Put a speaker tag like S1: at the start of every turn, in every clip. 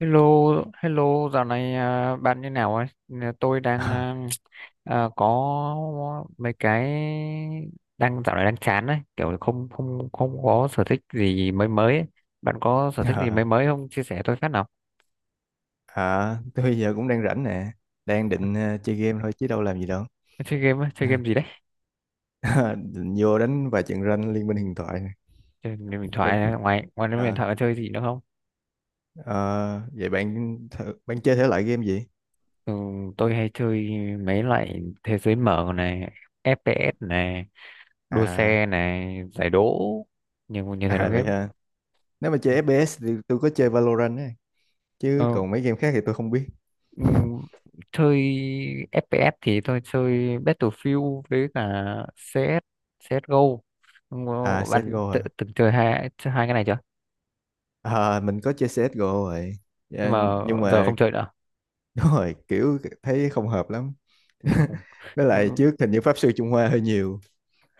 S1: Hello, hello, dạo này à, bạn như nào ấy? Nè, tôi đang
S2: Ờ,
S1: có mấy cái đang dạo này đang chán ấy, kiểu không không không có sở thích gì mới mới ấy. Bạn có sở thích gì
S2: ờ,
S1: mới mới không? Chia sẻ tôi phát nào.
S2: ờ, tôi giờ cũng đang rảnh nè, đang định chơi game thôi chứ đâu làm gì đâu.
S1: Chơi game, á, chơi game gì đấy?
S2: Định vô đánh vài trận rank Liên minh huyền thoại nè.
S1: Chơi game điện
S2: Bạn,
S1: thoại, ngoài ngoài game điện
S2: ờ,
S1: thoại có chơi gì nữa không?
S2: ờ, vậy bạn chơi thể loại game gì?
S1: Ừ, tôi hay chơi mấy loại thế giới mở này, FPS này, đua
S2: À,
S1: xe này, giải đố, nhiều nhiều thể loại
S2: à vậy
S1: game.
S2: ha. Nếu mà chơi FPS thì tôi có chơi Valorant ấy. Chứ
S1: Ừ,
S2: còn mấy game khác thì tôi không biết.
S1: Ừm, chơi FPS thì tôi chơi Battlefield với cả CS CSGO. Không
S2: À,
S1: có- bạn
S2: CSGO à.
S1: từng chơi hai cái này chưa,
S2: À, mình có chơi CSGO rồi.
S1: nhưng
S2: Dạ,
S1: mà
S2: nhưng
S1: giờ
S2: mà
S1: không chơi nữa.
S2: đúng rồi, kiểu thấy không hợp lắm.
S1: Ừ, không.
S2: Với lại
S1: Nhưng,
S2: trước hình như Pháp sư Trung Hoa hơi nhiều.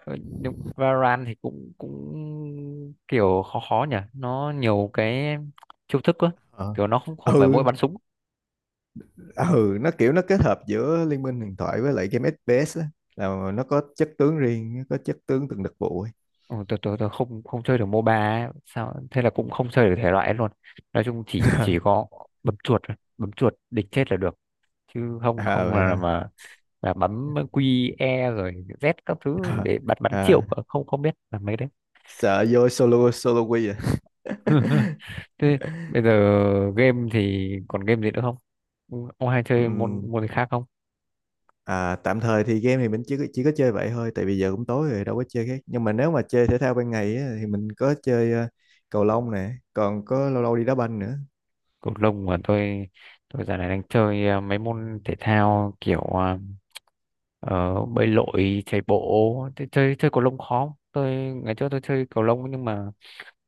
S1: ờ, nhưng Valorant thì cũng cũng kiểu khó khó nhỉ, nó nhiều cái chiêu thức quá,
S2: Ờ.
S1: kiểu nó không không phải mỗi
S2: ừ
S1: bắn súng.
S2: ừ, nó kiểu nó kết hợp giữa Liên minh huyền thoại với lại game FPS á, là nó có chất tướng riêng, nó có chất tướng từng đặc vụ ấy.
S1: Ừ, tôi không không chơi được MOBA ấy. Sao thế là cũng không chơi được thể loại ấy luôn, nói chung chỉ có bấm chuột thôi. Bấm chuột địch chết là được, chứ không
S2: À,
S1: không
S2: vậy
S1: là
S2: hả?
S1: mà là bấm Q E rồi Z các thứ
S2: à,
S1: để bắn bắn
S2: à,
S1: triệu cơ, không không biết là mấy đấy.
S2: sợ vô solo solo quy à.
S1: Thế bây giờ game thì còn game gì nữa không? Ừ, ông hay chơi môn
S2: Ừm,
S1: môn gì khác không?
S2: à, tạm thời thì game thì mình chỉ có chơi vậy thôi, tại vì giờ cũng tối rồi đâu có chơi khác, nhưng mà nếu mà chơi thể thao ban ngày á, thì mình có chơi cầu lông nè, còn có lâu lâu đi đá banh nữa.
S1: Cầu lông mà tôi giờ này đang chơi mấy môn thể thao kiểu bơi lội, chạy bộ. Thế chơi chơi cầu lông khó không? Tôi ngày trước tôi chơi cầu lông nhưng mà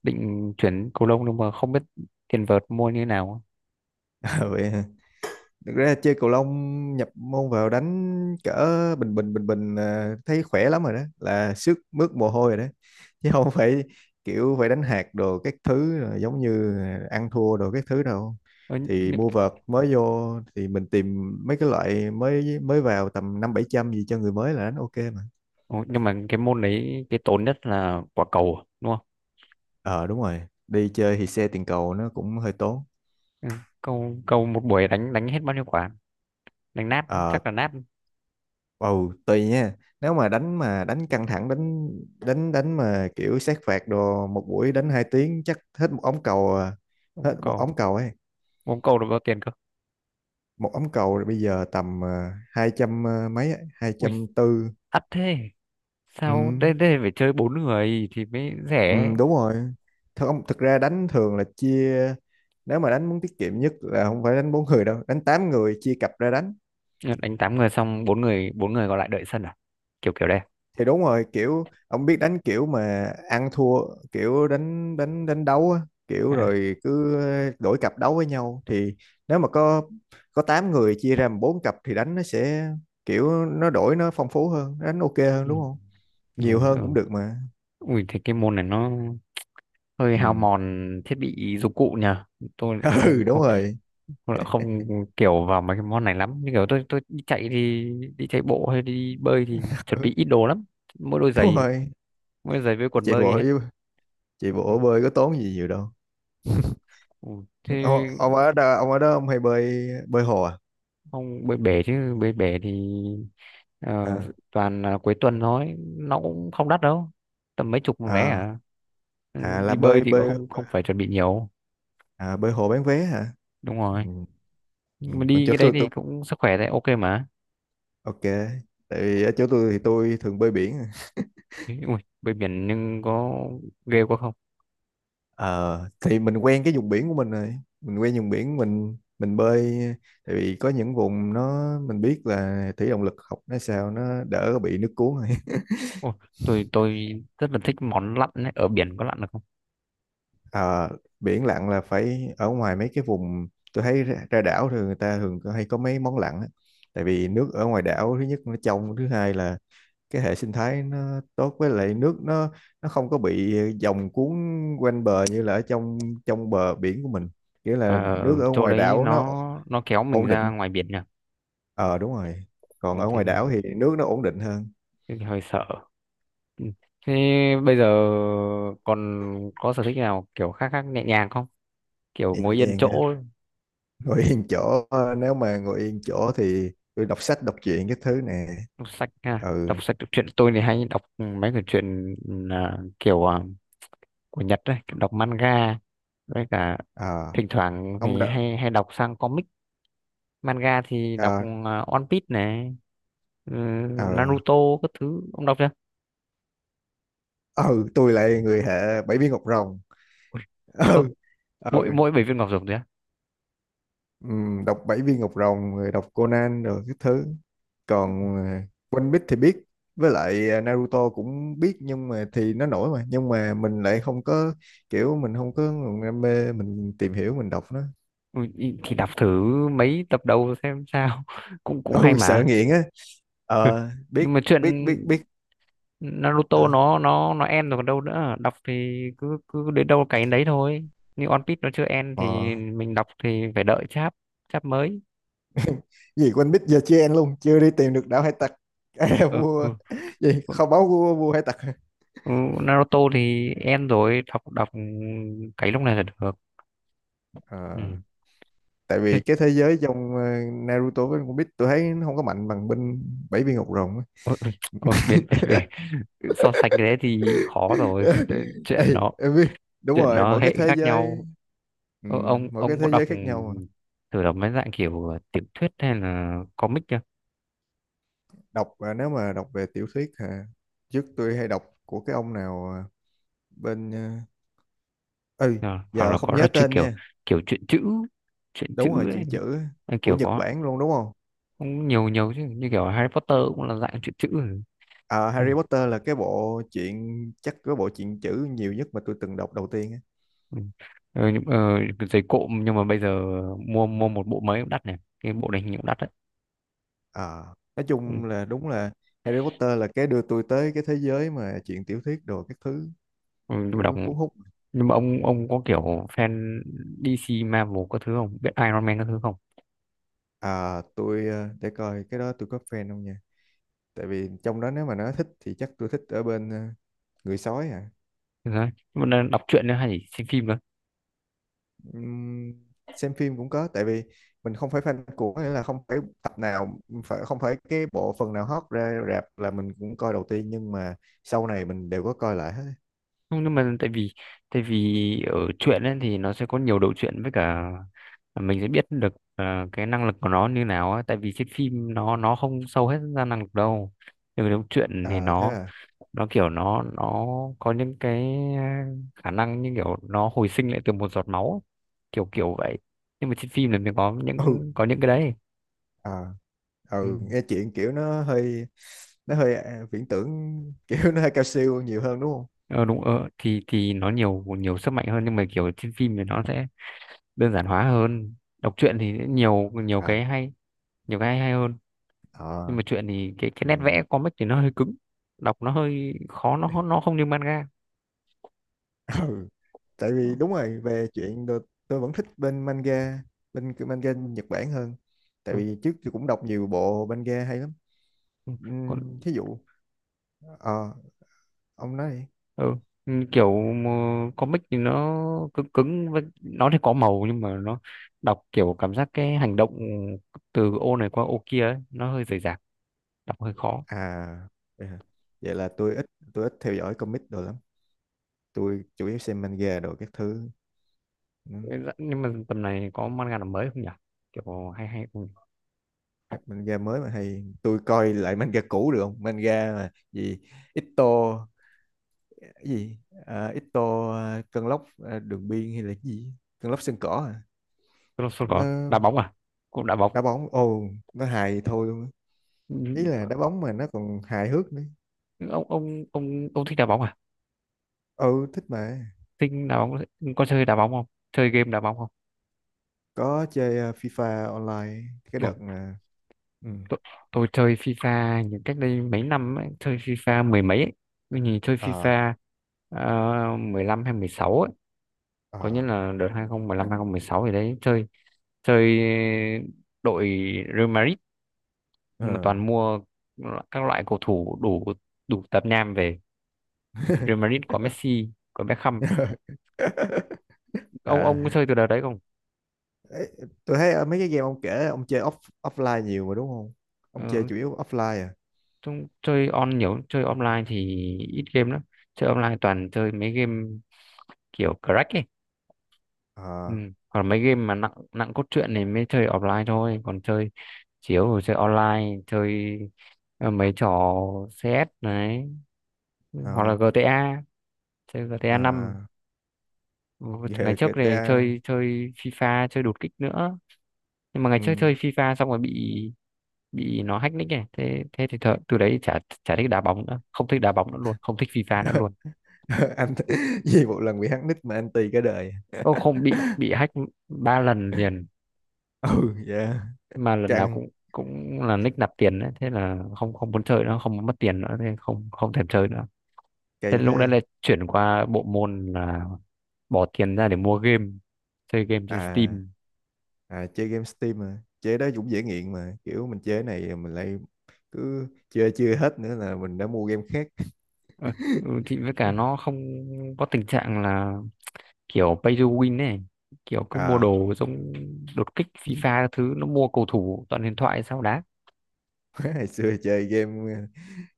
S1: định chuyển cầu lông, nhưng mà không biết tiền vợt mua như thế nào.
S2: À, vậy thực ra chơi cầu lông nhập môn vào đánh cỡ bình bình à, thấy khỏe lắm rồi đó, là sức mướt mồ hôi rồi đó chứ không phải kiểu phải đánh hạt đồ các thứ rồi giống như ăn thua đồ các thứ đâu.
S1: Ờ,
S2: Thì mua vợt mới vô thì mình tìm mấy cái loại mới mới vào tầm năm bảy trăm gì cho người mới là đánh ok mà.
S1: nhưng mà cái môn đấy cái tốn nhất là quả cầu đúng không?
S2: Ờ đúng rồi, đi chơi thì xe tiền cầu nó cũng hơi tốn.
S1: Ừ. cầu cầu một buổi đánh đánh hết bao nhiêu quả? Đánh nát
S2: Ờ,
S1: chắc là nát.
S2: ồ, tùy nha. Nếu mà đánh căng thẳng đánh đánh đánh mà kiểu sát phạt đồ, một buổi đánh 2 tiếng chắc hết một ống cầu à.
S1: bóng
S2: Hết một
S1: cầu
S2: ống cầu ấy.
S1: bóng cầu được bao tiền cơ?
S2: Một ống cầu bây giờ tầm 200 à, mấy ấy,
S1: Ui,
S2: 240.
S1: ắt thế, sao
S2: Ừ,
S1: đây đây phải chơi bốn người thì mới
S2: ừ
S1: rẻ.
S2: đúng rồi. Thật không, thực ra đánh thường là chia, nếu mà đánh muốn tiết kiệm nhất là không phải đánh bốn người đâu, đánh 8 người chia cặp ra đánh.
S1: Đánh tám người xong bốn người còn lại đợi sân à? Kiểu kiểu đây.
S2: Thì đúng rồi, kiểu ông biết đánh kiểu mà ăn thua, kiểu đánh đánh đánh đấu á, kiểu
S1: À,
S2: rồi cứ đổi cặp đấu với nhau thì nếu mà có 8 người chia ra làm bốn cặp thì đánh nó sẽ kiểu nó đổi, nó phong phú hơn, đánh ok hơn
S1: ừ.
S2: đúng không.
S1: Ừ,
S2: Nhiều hơn
S1: ừ.
S2: cũng được mà.
S1: Ui thế cái môn này nó hơi
S2: Ừ.
S1: hao mòn thiết bị dụng cụ nhờ. tôi lại
S2: Ừ
S1: không
S2: đúng
S1: không
S2: rồi.
S1: tôi lại không kiểu vào mấy cái môn này lắm, như kiểu tôi đi chạy thì đi chạy bộ hay đi bơi thì chuẩn
S2: Ừ,
S1: bị ít đồ lắm, mỗi đôi
S2: đúng
S1: giày
S2: rồi.
S1: mỗi đôi giày với quần
S2: chạy bộ
S1: bơi hết.
S2: với- Chạy
S1: Ừ,
S2: bộ bơi có tốn gì nhiều đâu.
S1: ừ, ừ. Thế
S2: Ông ở đó, ông ở đó ông hay bơi bơi hồ à?
S1: không, bơi bể, chứ bơi bể thì ờ,
S2: Ờ.
S1: toàn là cuối tuần thôi, nó cũng không đắt đâu, tầm mấy chục một vé
S2: à
S1: à. Ừ,
S2: là
S1: đi bơi
S2: bơi
S1: thì cũng
S2: bơi
S1: không không phải chuẩn bị nhiều.
S2: À, bơi hồ bán vé hả?
S1: Đúng
S2: Ừ.
S1: rồi.
S2: Ừ.
S1: Nhưng mà
S2: còn
S1: đi
S2: chỗ
S1: cái đấy thì
S2: tôi
S1: cũng sức khỏe đấy, ok mà.
S2: Ok. Tại vì ở chỗ tôi thì tôi thường bơi biển.
S1: Ý, ui bơi biển nhưng có ghê quá không?
S2: Ờ, thì mình quen cái vùng biển của mình rồi. Mình quen vùng biển mình bơi. Tại vì có những vùng nó mình biết là thủy động lực học nó sao nó đỡ bị nước cuốn rồi.
S1: Ôi, tôi rất là thích món lặn ấy. Ở biển có lặn được không?
S2: Ờ, biển lặn là phải ở ngoài mấy cái vùng, tôi thấy ra đảo thì người ta thường hay có mấy món lặn á. Tại vì nước ở ngoài đảo thứ nhất nó trong, thứ hai là cái hệ sinh thái nó tốt, với lại nước nó không có bị dòng cuốn quanh bờ như là ở trong trong bờ biển của mình, nghĩa là
S1: Ờ,
S2: nước ở
S1: chỗ
S2: ngoài
S1: đấy
S2: đảo nó
S1: nó kéo mình
S2: ổn
S1: ra
S2: định.
S1: ngoài biển nhỉ.
S2: Ờ đúng rồi,
S1: Ừ,
S2: còn ở ngoài đảo thì nước nó ổn định hơn.
S1: thế thì hơi sợ. Ừ. Thế bây giờ còn có sở thích nào kiểu khác khác nhẹ nhàng không? Kiểu
S2: Nhẹ
S1: ngồi yên
S2: nhàng ha,
S1: chỗ.
S2: ngồi yên chỗ ờ, nếu mà ngồi yên chỗ thì tôi đọc sách đọc truyện cái thứ nè.
S1: Đọc sách ha,
S2: Ừ.
S1: đọc sách đọc truyện, tôi thì hay đọc mấy cái truyện kiểu của Nhật đấy, kiểu đọc manga với cả
S2: à,
S1: thỉnh thoảng
S2: ông
S1: thì
S2: đã
S1: hay hay đọc sang comic. Manga thì đọc
S2: à,
S1: One Piece này, ừ,
S2: à,
S1: Naruto các thứ ông đọc chưa?
S2: ừ, tôi lại người hệ bảy viên ngọc rồng.
S1: Ui, có-
S2: Ừ. Ừ.
S1: mỗi mỗi bảy viên ngọc rồng thôi á?
S2: Đọc Bảy Viên Ngọc Rồng rồi đọc Conan rồi cái thứ, còn à, One Piece thì biết, với lại à, Naruto cũng biết nhưng mà thì nó nổi mà nhưng mà mình lại không có, kiểu mình không có nguồn đam mê mình tìm hiểu mình đọc nó.
S1: Ui, thì đọc thử mấy tập đầu xem sao. cũng cũng hay
S2: Ôi sợ
S1: mà.
S2: nghiện á. Ờ,
S1: Nhưng
S2: biết
S1: mà chuyện
S2: biết biết biết.
S1: Naruto
S2: à,
S1: nó end rồi còn đâu nữa, đọc thì cứ cứ đến đâu cái đấy thôi. Như One Piece nó chưa end
S2: ờ
S1: thì mình đọc thì phải đợi chap chap mới.
S2: Gì One Piece giờ chưa ăn luôn, chưa đi tìm được đảo hải tặc. À, vua
S1: Ừ,
S2: gì,
S1: ừ.
S2: kho báu của vua hải tặc.
S1: Ừ, Naruto thì end rồi, đọc đọc cái lúc này là được.
S2: Ờ,
S1: Ừ.
S2: tại vì
S1: Thế,
S2: cái thế giới trong à, Naruto với One Piece tôi thấy nó không có mạnh bằng bên bảy viên ngọc rồng á.
S1: ờ, bên về so sánh cái đấy thì khó rồi. Chuyện
S2: Ê,
S1: nó
S2: em biết. Đúng rồi, mỗi cái
S1: hệ
S2: thế
S1: khác
S2: giới.
S1: nhau.
S2: Ừ,
S1: Ờ, ông
S2: mỗi cái
S1: ông có
S2: thế giới khác nhau mà.
S1: đọc mấy dạng kiểu tiểu thuyết hay là comic chưa?
S2: Đọc à, nếu mà đọc về tiểu thuyết à, trước tôi hay đọc của cái ông nào à, bên à, ừ,
S1: Ờ, hoặc
S2: giờ
S1: là
S2: không
S1: có
S2: nhớ
S1: chưa
S2: tên
S1: kiểu,
S2: nha.
S1: truyện chữ, truyện chữ
S2: Đúng rồi,
S1: ấy.
S2: chuyện chữ á,
S1: Ờ,
S2: của
S1: kiểu
S2: Nhật
S1: có
S2: Bản luôn đúng không?
S1: cũng nhiều nhiều chứ, như kiểu Harry Potter cũng là dạng truyện chữ.
S2: À, Harry Potter là cái bộ chuyện chắc cái bộ chuyện chữ nhiều nhất mà tôi từng đọc đầu tiên á.
S1: Ừ. Ờ, giày cộm nhưng mà bây giờ mua mua một bộ mới cũng đắt này, cái bộ này hình như cũng đắt đấy.
S2: À, nói
S1: Ừ.
S2: chung là đúng là Harry Potter là cái đưa tôi tới cái thế giới mà chuyện tiểu thuyết đồ các thứ
S1: Ừ,
S2: kiểu cuốn hút.
S1: nhưng mà ông có kiểu fan DC Marvel các thứ không, biết Iron Man các thứ không?
S2: À, tôi để coi cái đó tôi có fan không nha. Tại vì trong đó nếu mà nó thích thì chắc tôi thích ở bên người sói à.
S1: Ừ, đấy, nhưng mà đang đọc truyện nữa hay chỉ xem phim?
S2: Ừm, xem phim cũng có, tại vì mình không phải fan của, nghĩa là không phải tập nào, không phải cái bộ phần nào hot ra rạp là mình cũng coi đầu tiên, nhưng mà sau này mình đều có coi lại hết.
S1: Không, nhưng mà tại vì ở truyện ấy thì nó sẽ có nhiều đầu truyện, với cả mình sẽ biết được cái năng lực của nó như nào á. Tại vì trên phim nó không sâu hết ra năng lực đâu, nhưng mà trong truyện thì
S2: À thế
S1: nó
S2: à.
S1: nó kiểu nó có những cái khả năng như kiểu nó hồi sinh lại từ một giọt máu ấy. Kiểu kiểu vậy, nhưng mà trên phim là mình
S2: Ừ.
S1: có những cái đấy.
S2: À,
S1: Ừ.
S2: ừ nghe chuyện kiểu nó hơi à, viễn tưởng kiểu nó hơi cao siêu nhiều hơn đúng không?
S1: ờ, đúng. Ờ, thì nó nhiều nhiều sức mạnh hơn, nhưng mà kiểu trên phim thì nó sẽ đơn giản hóa hơn. Đọc truyện thì nhiều nhiều
S2: À,
S1: cái hay, hay hơn. Nhưng
S2: ờ,
S1: mà truyện thì cái
S2: ừ.
S1: nét vẽ comic thì nó hơi cứng, đọc nó hơi khó, nó không như manga.
S2: Ừ. Tại
S1: Ừ.
S2: vì đúng rồi, tôi vẫn thích bên manga, bên cái manga Nhật Bản hơn, tại vì trước tôi cũng đọc nhiều bộ manga hay lắm.
S1: Ừ, còn.
S2: Thí dụ ờ, ông nói đi.
S1: Ừ. Ừ, kiểu mà comic thì nó cứng cứng với nó thì có màu, nhưng mà nó đọc kiểu cảm giác cái hành động từ ô này qua ô kia ấy, nó hơi rời rạc, đọc hơi khó.
S2: À, vậy hả? Vậy là tôi ít, tôi ít theo dõi comic đồ lắm, tôi chủ yếu xem manga đồ các thứ. Ừ,
S1: Ừ, dạ, nhưng mà tầm này có manga nào mới không nhỉ, kiểu hay hay không?
S2: hoặc manga mới mà hay, tôi coi lại manga cũ được không, manga mà gì Ito cái gì à, Ito à, cơn lốc à, đường biên hay là cái gì, cơn lốc sân cỏ à?
S1: Crossroad có đá
S2: Nó
S1: bóng à? Cũng đá bóng.
S2: đá bóng ồ, nó hài thôi luôn á.
S1: Ừ,
S2: Ý là đá bóng mà nó còn hài hước nữa.
S1: ông thích đá bóng à?
S2: Ừ thích mà.
S1: Thích đá bóng, có chơi đá bóng không, chơi game đá bóng không?
S2: Có chơi FIFA online cái
S1: Ừ,
S2: đợt nè. Ừ.
S1: tôi, tôi chơi FIFA những cách đây mấy năm ấy, chơi FIFA mười mấy ấy. Tôi nhìn chơi
S2: ờ
S1: FIFA 15 hay 16 ấy,
S2: ờ
S1: có nghĩa là đợt 2015 sáu thì đấy chơi chơi đội Real Madrid. Nhưng mà
S2: ờ
S1: toàn mua các loại cầu thủ đủ đủ tạp nham về. Real Madrid có Messi, có Beckham. ông
S2: à
S1: ông có chơi từ đợt đấy không?
S2: Ê, tôi thấy mấy cái game ông kể ông chơi offline nhiều mà đúng không, ông chơi
S1: Ờ,
S2: chủ yếu offline à?
S1: chúng chơi nhiều, chơi online thì ít game lắm, chơi online toàn chơi mấy game kiểu crack ấy. Ừ.
S2: ờ
S1: Còn mấy game mà nặng nặng cốt truyện thì mới chơi offline thôi, còn chơi chiếu rồi chơi online chơi mấy trò CS đấy, hoặc là
S2: ờ
S1: GTA chơi GTA
S2: ờ
S1: năm Ngày trước này
S2: GTA.
S1: chơi chơi FIFA, chơi đột kích nữa. Nhưng mà ngày
S2: Ừ.
S1: trước chơi FIFA xong rồi bị nó hack nick này, thế thế thì từ đấy chả chả thích đá bóng nữa, không thích đá bóng nữa luôn, không thích FIFA nữa luôn.
S2: Anh gì một lần bị hack nick mà anh tì cả đời.
S1: Ô không, bị hack ba lần liền.
S2: Ừ. Dạ.
S1: Mà lần nào
S2: Căng.
S1: cũng cũng là nick nạp tiền đấy, thế là không không muốn chơi nữa, không muốn mất tiền nữa. Thế không không thèm chơi nữa. Thế
S2: Kỳ
S1: lúc đấy
S2: thế.
S1: là chuyển qua bộ môn là bỏ tiền ra để mua game, chơi game trên
S2: À,
S1: Steam.
S2: à chơi game Steam mà. Chơi đó cũng dễ nghiện mà. Kiểu mình chơi này mình lại cứ chơi chưa hết nữa là mình đã mua game khác.
S1: Ờ, ừ, thì với cả nó không có tình trạng là kiểu pay to win này, kiểu cứ mua
S2: À,
S1: đồ giống đột kích, FIFA các thứ nó mua cầu thủ toàn huyền thoại sao đá.
S2: hồi xưa chơi game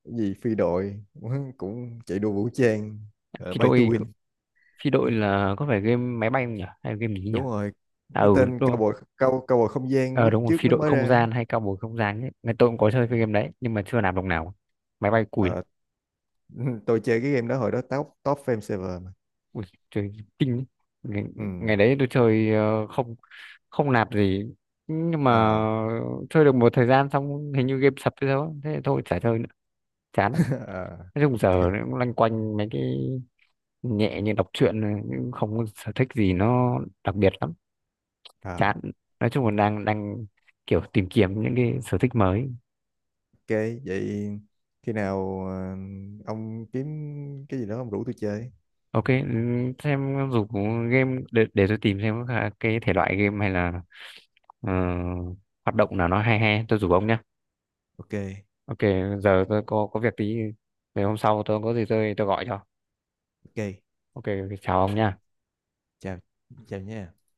S2: cái gì phi đội cũng chạy đua vũ trang, ờ,
S1: phi
S2: Bay to
S1: đội
S2: Win.
S1: phi đội là có phải game máy bay không nhỉ, hay game gì nhỉ?
S2: Đúng rồi.
S1: À,
S2: Nó
S1: ừ,
S2: tên
S1: đúng,
S2: Cowboy không gian
S1: ờ,
S2: lúc
S1: đúng rồi,
S2: trước
S1: phi
S2: nó
S1: đội
S2: mới
S1: không
S2: ra.
S1: gian hay cao bồi không gian ấy, ngày tôi cũng có chơi
S2: Ừ.
S1: cái game đấy nhưng mà chưa làm đồng nào. Máy bay cùi lắm.
S2: Ờ, tôi chơi cái game đó hồi đó top top fame server mà.
S1: Ui, chơi kinh ấy. ngày,
S2: Ừ.
S1: ngày đấy tôi chơi không không nạp gì, nhưng mà
S2: Ờ.
S1: chơi được một thời gian xong hình như game sập hay sao á. Thế thì thôi chả chơi nữa, chán lắm.
S2: Ờ,
S1: Nói chung
S2: ok.
S1: giờ cũng loanh quanh mấy cái nhẹ như đọc truyện này, nhưng không có sở thích gì nó đặc biệt lắm.
S2: Ờ.
S1: Chán. Nói chung là đang đang kiểu tìm kiếm những cái sở thích mới.
S2: Ok, vậy khi nào ông kiếm cái gì đó ông rủ tôi chơi.
S1: Ok, ừ, xem dù có game để tôi tìm xem có cái thể loại game hay là ờ, hoạt động nào nó hay hay, tôi rủ ông nhá.
S2: Ok,
S1: Ok, giờ tôi có việc tí, về hôm sau tôi có gì tôi gọi cho.
S2: ok,
S1: Ok, ok, ok. Chào ông nha.
S2: chào, chào nha.